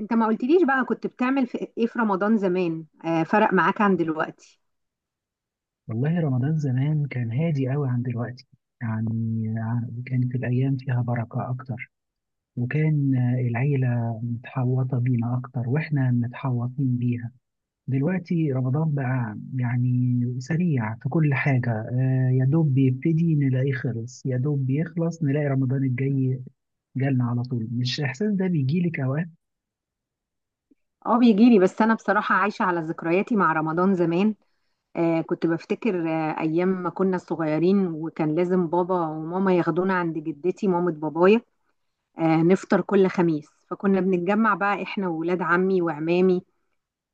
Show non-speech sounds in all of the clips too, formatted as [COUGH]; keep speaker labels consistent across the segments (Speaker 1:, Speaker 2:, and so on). Speaker 1: انت ما قلتليش بقى كنت بتعمل في ايه في رمضان زمان، فرق معاك عن دلوقتي؟
Speaker 2: والله رمضان زمان كان هادي قوي عن دلوقتي. كانت الأيام فيها بركة أكتر، وكان العيلة متحوطة بينا أكتر وإحنا متحوطين بيها. دلوقتي رمضان بقى يعني سريع في كل حاجة، يا دوب بيبتدي نلاقيه خلص، يا دوب بيخلص نلاقي رمضان الجاي جالنا على طول. مش الإحساس ده بيجيلك أوقات؟
Speaker 1: اه، بيجيلي بس انا بصراحة عايشة على ذكرياتي مع رمضان زمان. كنت بفتكر ايام ما كنا صغيرين، وكان لازم بابا وماما ياخدونا عند جدتي مامة بابايا نفطر كل خميس. فكنا بنتجمع بقى احنا وولاد عمي وعمامي،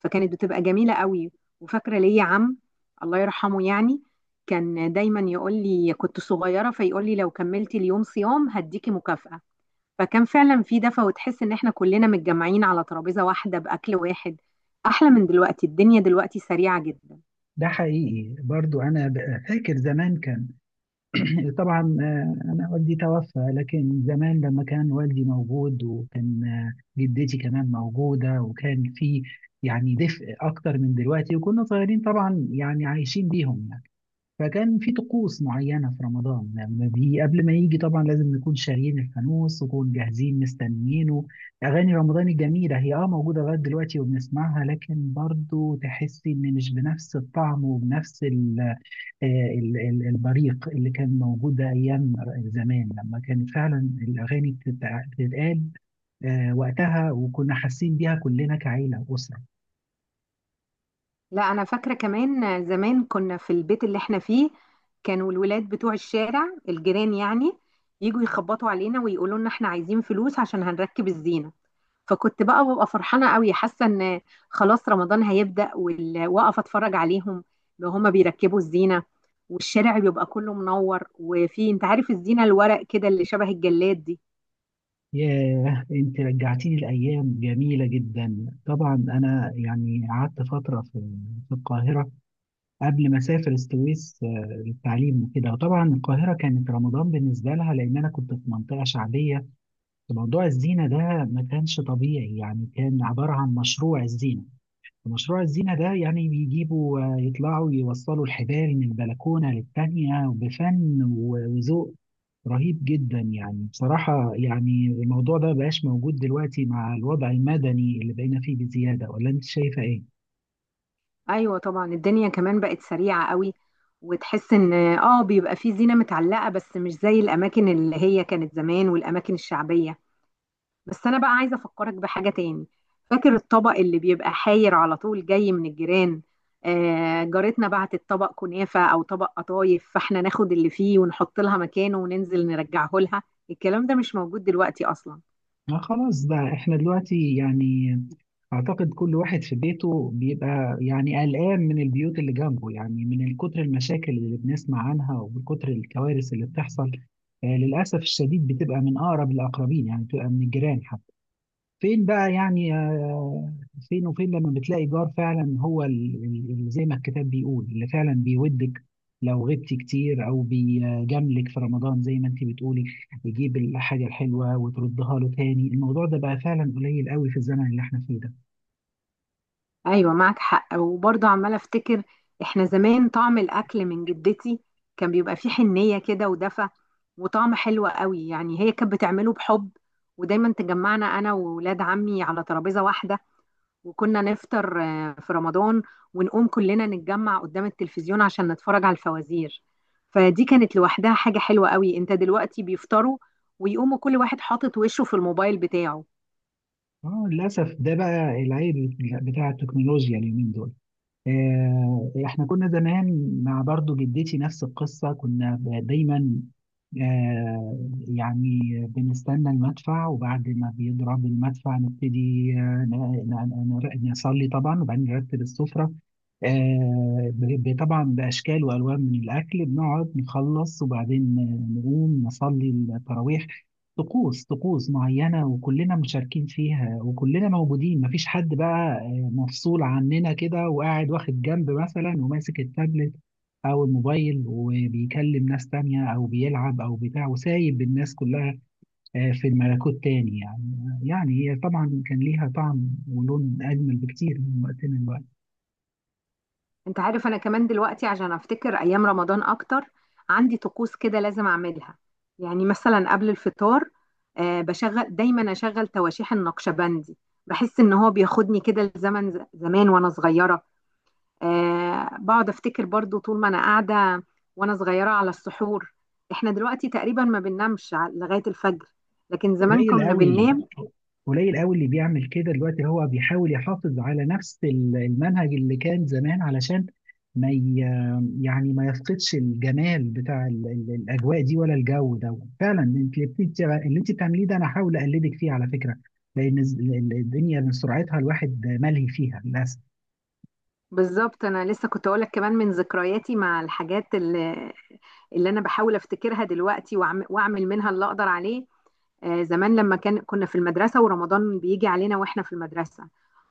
Speaker 1: فكانت بتبقى جميلة قوي. وفاكرة ليا عم، الله يرحمه، يعني كان دايما يقول لي كنت صغيرة، فيقول لي لو كملتي اليوم صيام هديكي مكافأة. فكان فعلا في دفى، وتحس ان احنا كلنا متجمعين على ترابيزه واحده باكل واحد. احلى من دلوقتي. الدنيا دلوقتي سريعه جدا.
Speaker 2: ده حقيقي برضو. فاكر زمان كان [COUGHS] [CLEARS THROAT] طبعا، أنا والدي توفى، لكن زمان لما كان والدي موجود وكان، جدتي كمان موجودة، وكان في يعني دفء أكتر من دلوقتي، وكنا صغيرين طبعا يعني عايشين بيهم يعني. فكان في طقوس معينة في رمضان، لما قبل ما يجي طبعا لازم نكون شاريين الفانوس ونكون جاهزين مستنيينه. أغاني رمضان الجميلة هي اه موجودة لغاية دلوقتي وبنسمعها، لكن برضو تحسي إن مش بنفس الطعم وبنفس ال، البريق اللي كان موجود ايام زمان، لما كانت فعلا الاغاني بتتقال وقتها، وكنا حاسين بيها كلنا كعيله واسره.
Speaker 1: لا، انا فاكره كمان زمان كنا في البيت اللي احنا فيه. كانوا الولاد بتوع الشارع، الجيران يعني، يجوا يخبطوا علينا ويقولوا لنا احنا عايزين فلوس عشان هنركب الزينه. فكنت بقى ببقى فرحانه قوي، حاسه ان خلاص رمضان هيبدا، واقف اتفرج عليهم وهما بيركبوا الزينه، والشارع بيبقى كله منور، وفي انت عارف الزينه الورق كده اللي شبه الجلاد دي.
Speaker 2: ياه، انت رجعتيني لايام جميله جدا. طبعا انا يعني قعدت فتره في القاهره قبل ما اسافر السويس، للتعليم وكده. وطبعا القاهره كانت رمضان بالنسبه لها، لان انا كنت في منطقه شعبيه. موضوع الزينه ده ما كانش طبيعي، يعني كان عباره عن مشروع الزينه. مشروع الزينة ده يعني بيجيبوا، يطلعوا يوصلوا الحبال من بلكونة للتانية بفن وذوق رهيب جدا. يعني بصراحة يعني الموضوع ده مبقاش موجود دلوقتي مع الوضع المدني اللي بقينا فيه بزيادة، ولا أنت شايفة إيه؟
Speaker 1: ايوه طبعا، الدنيا كمان بقت سريعه قوي. وتحس ان بيبقى في زينه متعلقه، بس مش زي الاماكن اللي هي كانت زمان والاماكن الشعبيه. بس انا بقى عايزه افكرك بحاجه تاني. فاكر الطبق اللي بيبقى حاير على طول جاي من الجيران؟ جارتنا بعتت طبق كنافه او طبق قطايف، فاحنا ناخد اللي فيه ونحط لها مكانه وننزل نرجعه لها. الكلام ده مش موجود دلوقتي اصلا.
Speaker 2: ما خلاص بقى احنا دلوقتي يعني اعتقد كل واحد في بيته بيبقى يعني قلقان من البيوت اللي جنبه، يعني من كتر المشاكل اللي بنسمع عنها ومن كتر الكوارث اللي بتحصل. للاسف الشديد بتبقى من اقرب الاقربين، يعني بتبقى من الجيران. فين بقى يعني فين وفين لما بتلاقي جار فعلا هو اللي زي ما الكتاب بيقول، اللي فعلا بيودك لو غبتي كتير، او بيجاملك في رمضان زي ما انت بتقولي، يجيب الحاجه الحلوه وتردها له تاني. الموضوع ده بقى فعلا قليل قوي في الزمن اللي احنا فيه ده.
Speaker 1: ايوه معك حق، وبرضه عماله افتكر احنا زمان طعم الاكل من جدتي كان بيبقى فيه حنيه كده ودفى، وطعم حلو قوي، يعني هي كانت بتعمله بحب. ودايما تجمعنا انا وولاد عمي على ترابيزه واحده، وكنا نفطر في رمضان، ونقوم كلنا نتجمع قدام التلفزيون عشان نتفرج على الفوازير. فدي كانت لوحدها حاجة حلوة قوي. انت دلوقتي بيفطروا ويقوموا كل واحد حاطط وشه في الموبايل بتاعه.
Speaker 2: اه للاسف ده بقى العيب بتاع التكنولوجيا اليومين دول. احنا كنا زمان مع برضو جدتي نفس القصة، كنا دايما آه، يعني بنستنى المدفع، وبعد ما بيضرب المدفع نبتدي نصلي طبعا، وبعدين نرتب السفرة طبعا بأشكال وألوان من الأكل. بنقعد نخلص، وبعدين نقوم نصلي التراويح. طقوس معينة وكلنا مشاركين فيها وكلنا موجودين، مفيش حد بقى مفصول عننا كده وقاعد واخد جنب مثلا وماسك التابلت او الموبايل وبيكلم ناس تانية او بيلعب او بتاع وسايب الناس كلها، في الملكوت تاني يعني. يعني هي طبعا كان ليها طعم ولون اجمل بكتير من وقتنا دلوقتي.
Speaker 1: انت عارف انا كمان دلوقتي عشان افتكر ايام رمضان اكتر عندي طقوس كده لازم اعملها. يعني مثلا قبل الفطار بشغل دايما، اشغل تواشيح النقشبندي، بحس ان هو بياخدني كده لزمن زمان وانا صغيرة. بقعد افتكر برضو طول ما انا قاعده وانا صغيره على السحور. احنا دلوقتي تقريبا ما بننامش لغايه الفجر، لكن زمان
Speaker 2: قليل
Speaker 1: كنا
Speaker 2: قوي.
Speaker 1: بننام.
Speaker 2: قليل قوي اللي بيعمل كده دلوقتي، هو بيحاول يحافظ على نفس المنهج اللي كان زمان، علشان ما ي... يعني ما يفقدش الجمال بتاع الاجواء دي ولا الجو ده. فعلا انت اللي اللي انت بتعمليه ده انا هحاول اقلدك فيه على فكره، لان الدنيا من سرعتها الواحد ملهي فيها للاسف.
Speaker 1: بالظبط، انا لسه كنت اقولك كمان من ذكرياتي مع الحاجات اللي انا بحاول افتكرها دلوقتي واعمل منها اللي اقدر عليه. زمان لما كنا في المدرسة ورمضان بيجي علينا واحنا في المدرسة،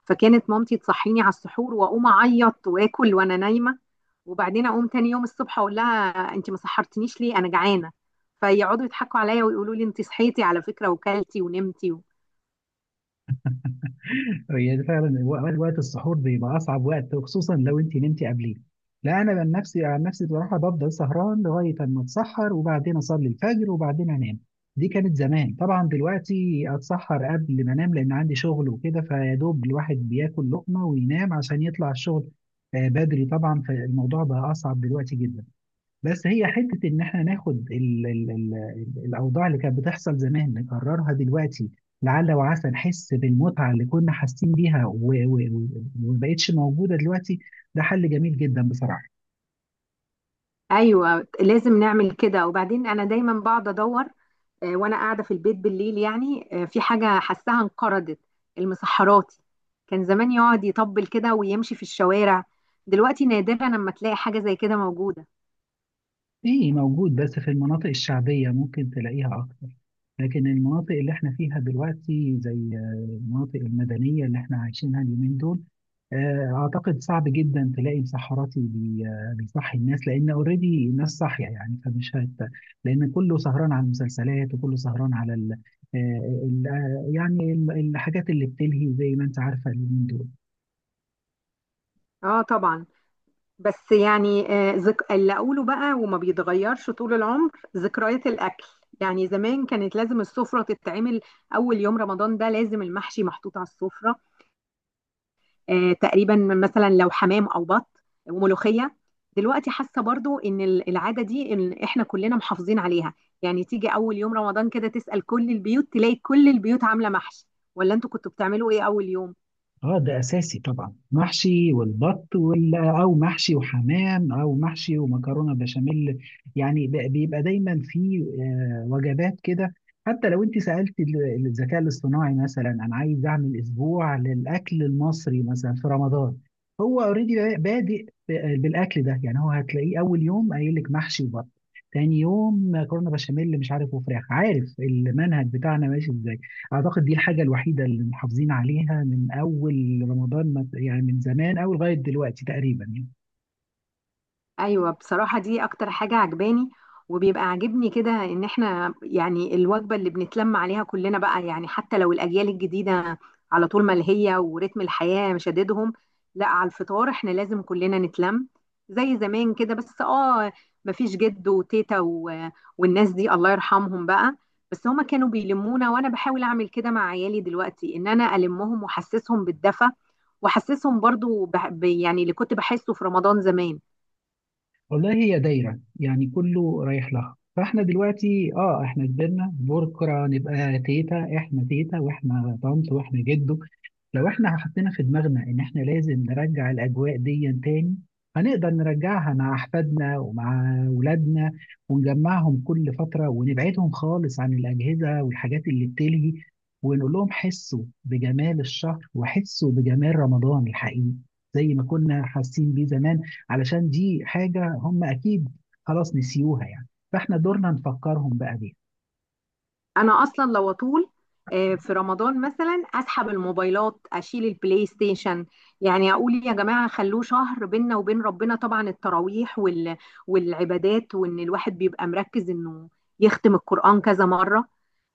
Speaker 1: فكانت مامتي تصحيني على السحور واقوم اعيط واكل وانا نايمة. وبعدين اقوم تاني يوم الصبح اقول لها انت ما سحرتنيش ليه، انا جعانة. فيقعدوا يضحكوا عليا ويقولوا لي انت صحيتي على فكرة وكلتي ونمتي و...
Speaker 2: هي ده فعلا وقت السحور بيبقى اصعب وقت، وخصوصا لو انت نمتي قبليه. لا انا عن نفسي بصراحه بفضل سهران لغايه اما اتسحر، وبعدين اصلي الفجر وبعدين انام. دي كانت زمان طبعا، دلوقتي اتسحر قبل ما انام لان عندي شغل وكده، فيا دوب الواحد بياكل لقمه وينام عشان يطلع الشغل بدري طبعا. فالموضوع بقى اصعب دلوقتي جدا. بس هي حتة إن إحنا ناخد الأوضاع اللي كانت بتحصل زمان نكررها دلوقتي، لعل وعسى نحس بالمتعة اللي كنا حاسين بيها و- و- ومبقتش موجودة دلوقتي. ده حل جميل جدا بصراحة.
Speaker 1: ايوه لازم نعمل كده. وبعدين انا دايما بقعد ادور وانا قاعده في البيت بالليل، يعني في حاجه حاساها انقرضت: المسحراتي. كان زمان يقعد يطبل كده ويمشي في الشوارع، دلوقتي نادرا لما تلاقي حاجه زي كده موجوده.
Speaker 2: ايه موجود، بس في المناطق الشعبية ممكن تلاقيها أكتر، لكن المناطق اللي احنا فيها دلوقتي زي المناطق المدنية اللي احنا عايشينها اليومين دول، أعتقد صعب جدا تلاقي مسحراتي بيصحي الناس، لأن أوريدي الناس صاحية يعني فمش هت. لأن كله سهران على المسلسلات وكله سهران على ال... آه، ال... آه، يعني الحاجات اللي بتلهي زي ما أنت عارفة اليومين دول.
Speaker 1: اه طبعا. بس يعني اللي اقوله بقى وما بيتغيرش طول العمر: ذكريات الاكل. يعني زمان كانت لازم السفره تتعمل اول يوم رمضان ده، لازم المحشي محطوط على السفره، تقريبا مثلا لو حمام او بط وملوخيه. دلوقتي حاسه برضو ان العاده دي إن احنا كلنا محافظين عليها. يعني تيجي اول يوم رمضان كده تسال كل البيوت، تلاقي كل البيوت عامله محشي. ولا انتوا كنتوا بتعملوا ايه اول يوم؟
Speaker 2: اه ده اساسي طبعا، محشي والبط وال او محشي وحمام او محشي ومكرونه بشاميل، يعني بيبقى دايما في وجبات كده. حتى لو انت سالت الذكاء الاصطناعي مثلا انا عايز اعمل اسبوع للاكل المصري مثلا في رمضان، هو اوريدي بادئ بالاكل ده، يعني هو هتلاقيه اول يوم قايل لك محشي وبط، تاني يوم مكرونه بشاميل مش عارف وفراخ، عارف المنهج بتاعنا ماشي ازاي. أعتقد دي الحاجة الوحيدة اللي محافظين عليها من أول رمضان يعني من زمان أوي لغاية دلوقتي تقريبا يعني.
Speaker 1: ايوه بصراحه، دي اكتر حاجه عجباني. وبيبقى عاجبني كده ان احنا، يعني الوجبه اللي بنتلم عليها كلنا بقى، يعني حتى لو الاجيال الجديده على طول ملهيه ورتم الحياه مشددهم، لا، على الفطار احنا لازم كلنا نتلم، زي زمان كده. بس مفيش جد وتيتا و... والناس دي الله يرحمهم بقى. بس هما كانوا بيلمونا، وانا بحاول اعمل كده مع عيالي دلوقتي ان انا المهم واحسسهم بالدفى، واحسسهم برضو يعني اللي كنت بحسه في رمضان زمان.
Speaker 2: والله هي دايرة، يعني كله رايح لها. فاحنا دلوقتي اه احنا كبرنا، بكرة نبقى تيتا، احنا تيتا واحنا طنط واحنا جدو. لو احنا حطينا في دماغنا ان احنا لازم نرجع الاجواء دي تاني، هنقدر نرجعها مع احفادنا ومع اولادنا، ونجمعهم كل فترة ونبعدهم خالص عن الاجهزة والحاجات اللي بتلهي، ونقول لهم حسوا بجمال الشهر وحسوا بجمال رمضان الحقيقي زي ما كنا حاسين بيه زمان، علشان دي حاجة هم أكيد خلاص نسيوها يعني. فإحنا دورنا نفكرهم بقى بيها.
Speaker 1: انا اصلا لو اطول في رمضان مثلا، اسحب الموبايلات، اشيل البلاي ستيشن. يعني اقول يا جماعه، خلوه شهر بيننا وبين ربنا، طبعا التراويح وال... والعبادات، وان الواحد بيبقى مركز انه يختم القران كذا مره.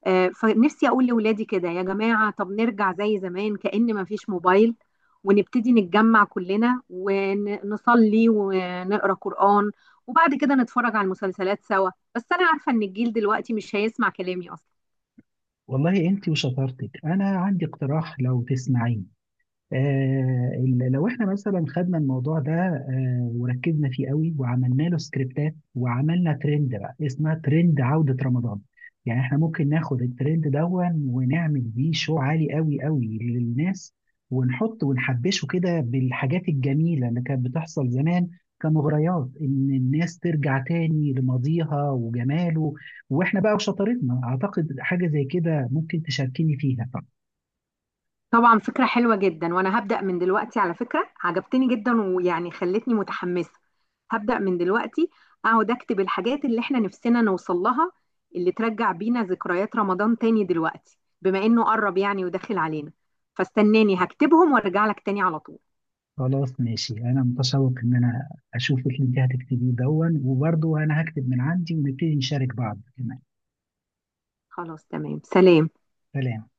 Speaker 1: فنفسي اقول لاولادي كده يا جماعه طب نرجع زي زمان كأن ما فيش موبايل، ونبتدي نتجمع كلنا ونصلي ونقرا قران، وبعد كده نتفرج على المسلسلات سوا. بس انا عارفه ان الجيل دلوقتي مش هيسمع كلامي اصلا.
Speaker 2: والله أنت وشطارتك. أنا عندي اقتراح لو تسمعين، لو احنا مثلا خدنا الموضوع ده، وركزنا فيه قوي وعملنا له سكريبتات وعملنا ترند بقى اسمها ترند عودة رمضان. يعني احنا ممكن ناخد الترند دون ونعمل بيه شو عالي قوي قوي للناس، ونحط ونحبشه كده بالحاجات الجميلة اللي كانت بتحصل زمان كمغريات ان الناس ترجع تاني لماضيها وجماله. واحنا بقى وشطارتنا اعتقد حاجة زي كده ممكن تشاركيني فيها.
Speaker 1: طبعا فكرة حلوة جدا، وانا هبدأ من دلوقتي. على فكرة عجبتني جدا، ويعني خلتني متحمسة. هبدأ من دلوقتي اقعد اكتب الحاجات اللي احنا نفسنا نوصل لها، اللي ترجع بينا ذكريات رمضان تاني دلوقتي بما انه قرب يعني وداخل علينا. فاستناني هكتبهم وارجع لك تاني على طول.
Speaker 2: خلاص ماشي، انا متشوق ان انا اشوف اللي انت هتكتبيه دون، وبرضه انا هكتب من عندي ونبتدي نشارك بعض كمان.
Speaker 1: خلاص تمام، سلام.
Speaker 2: سلام.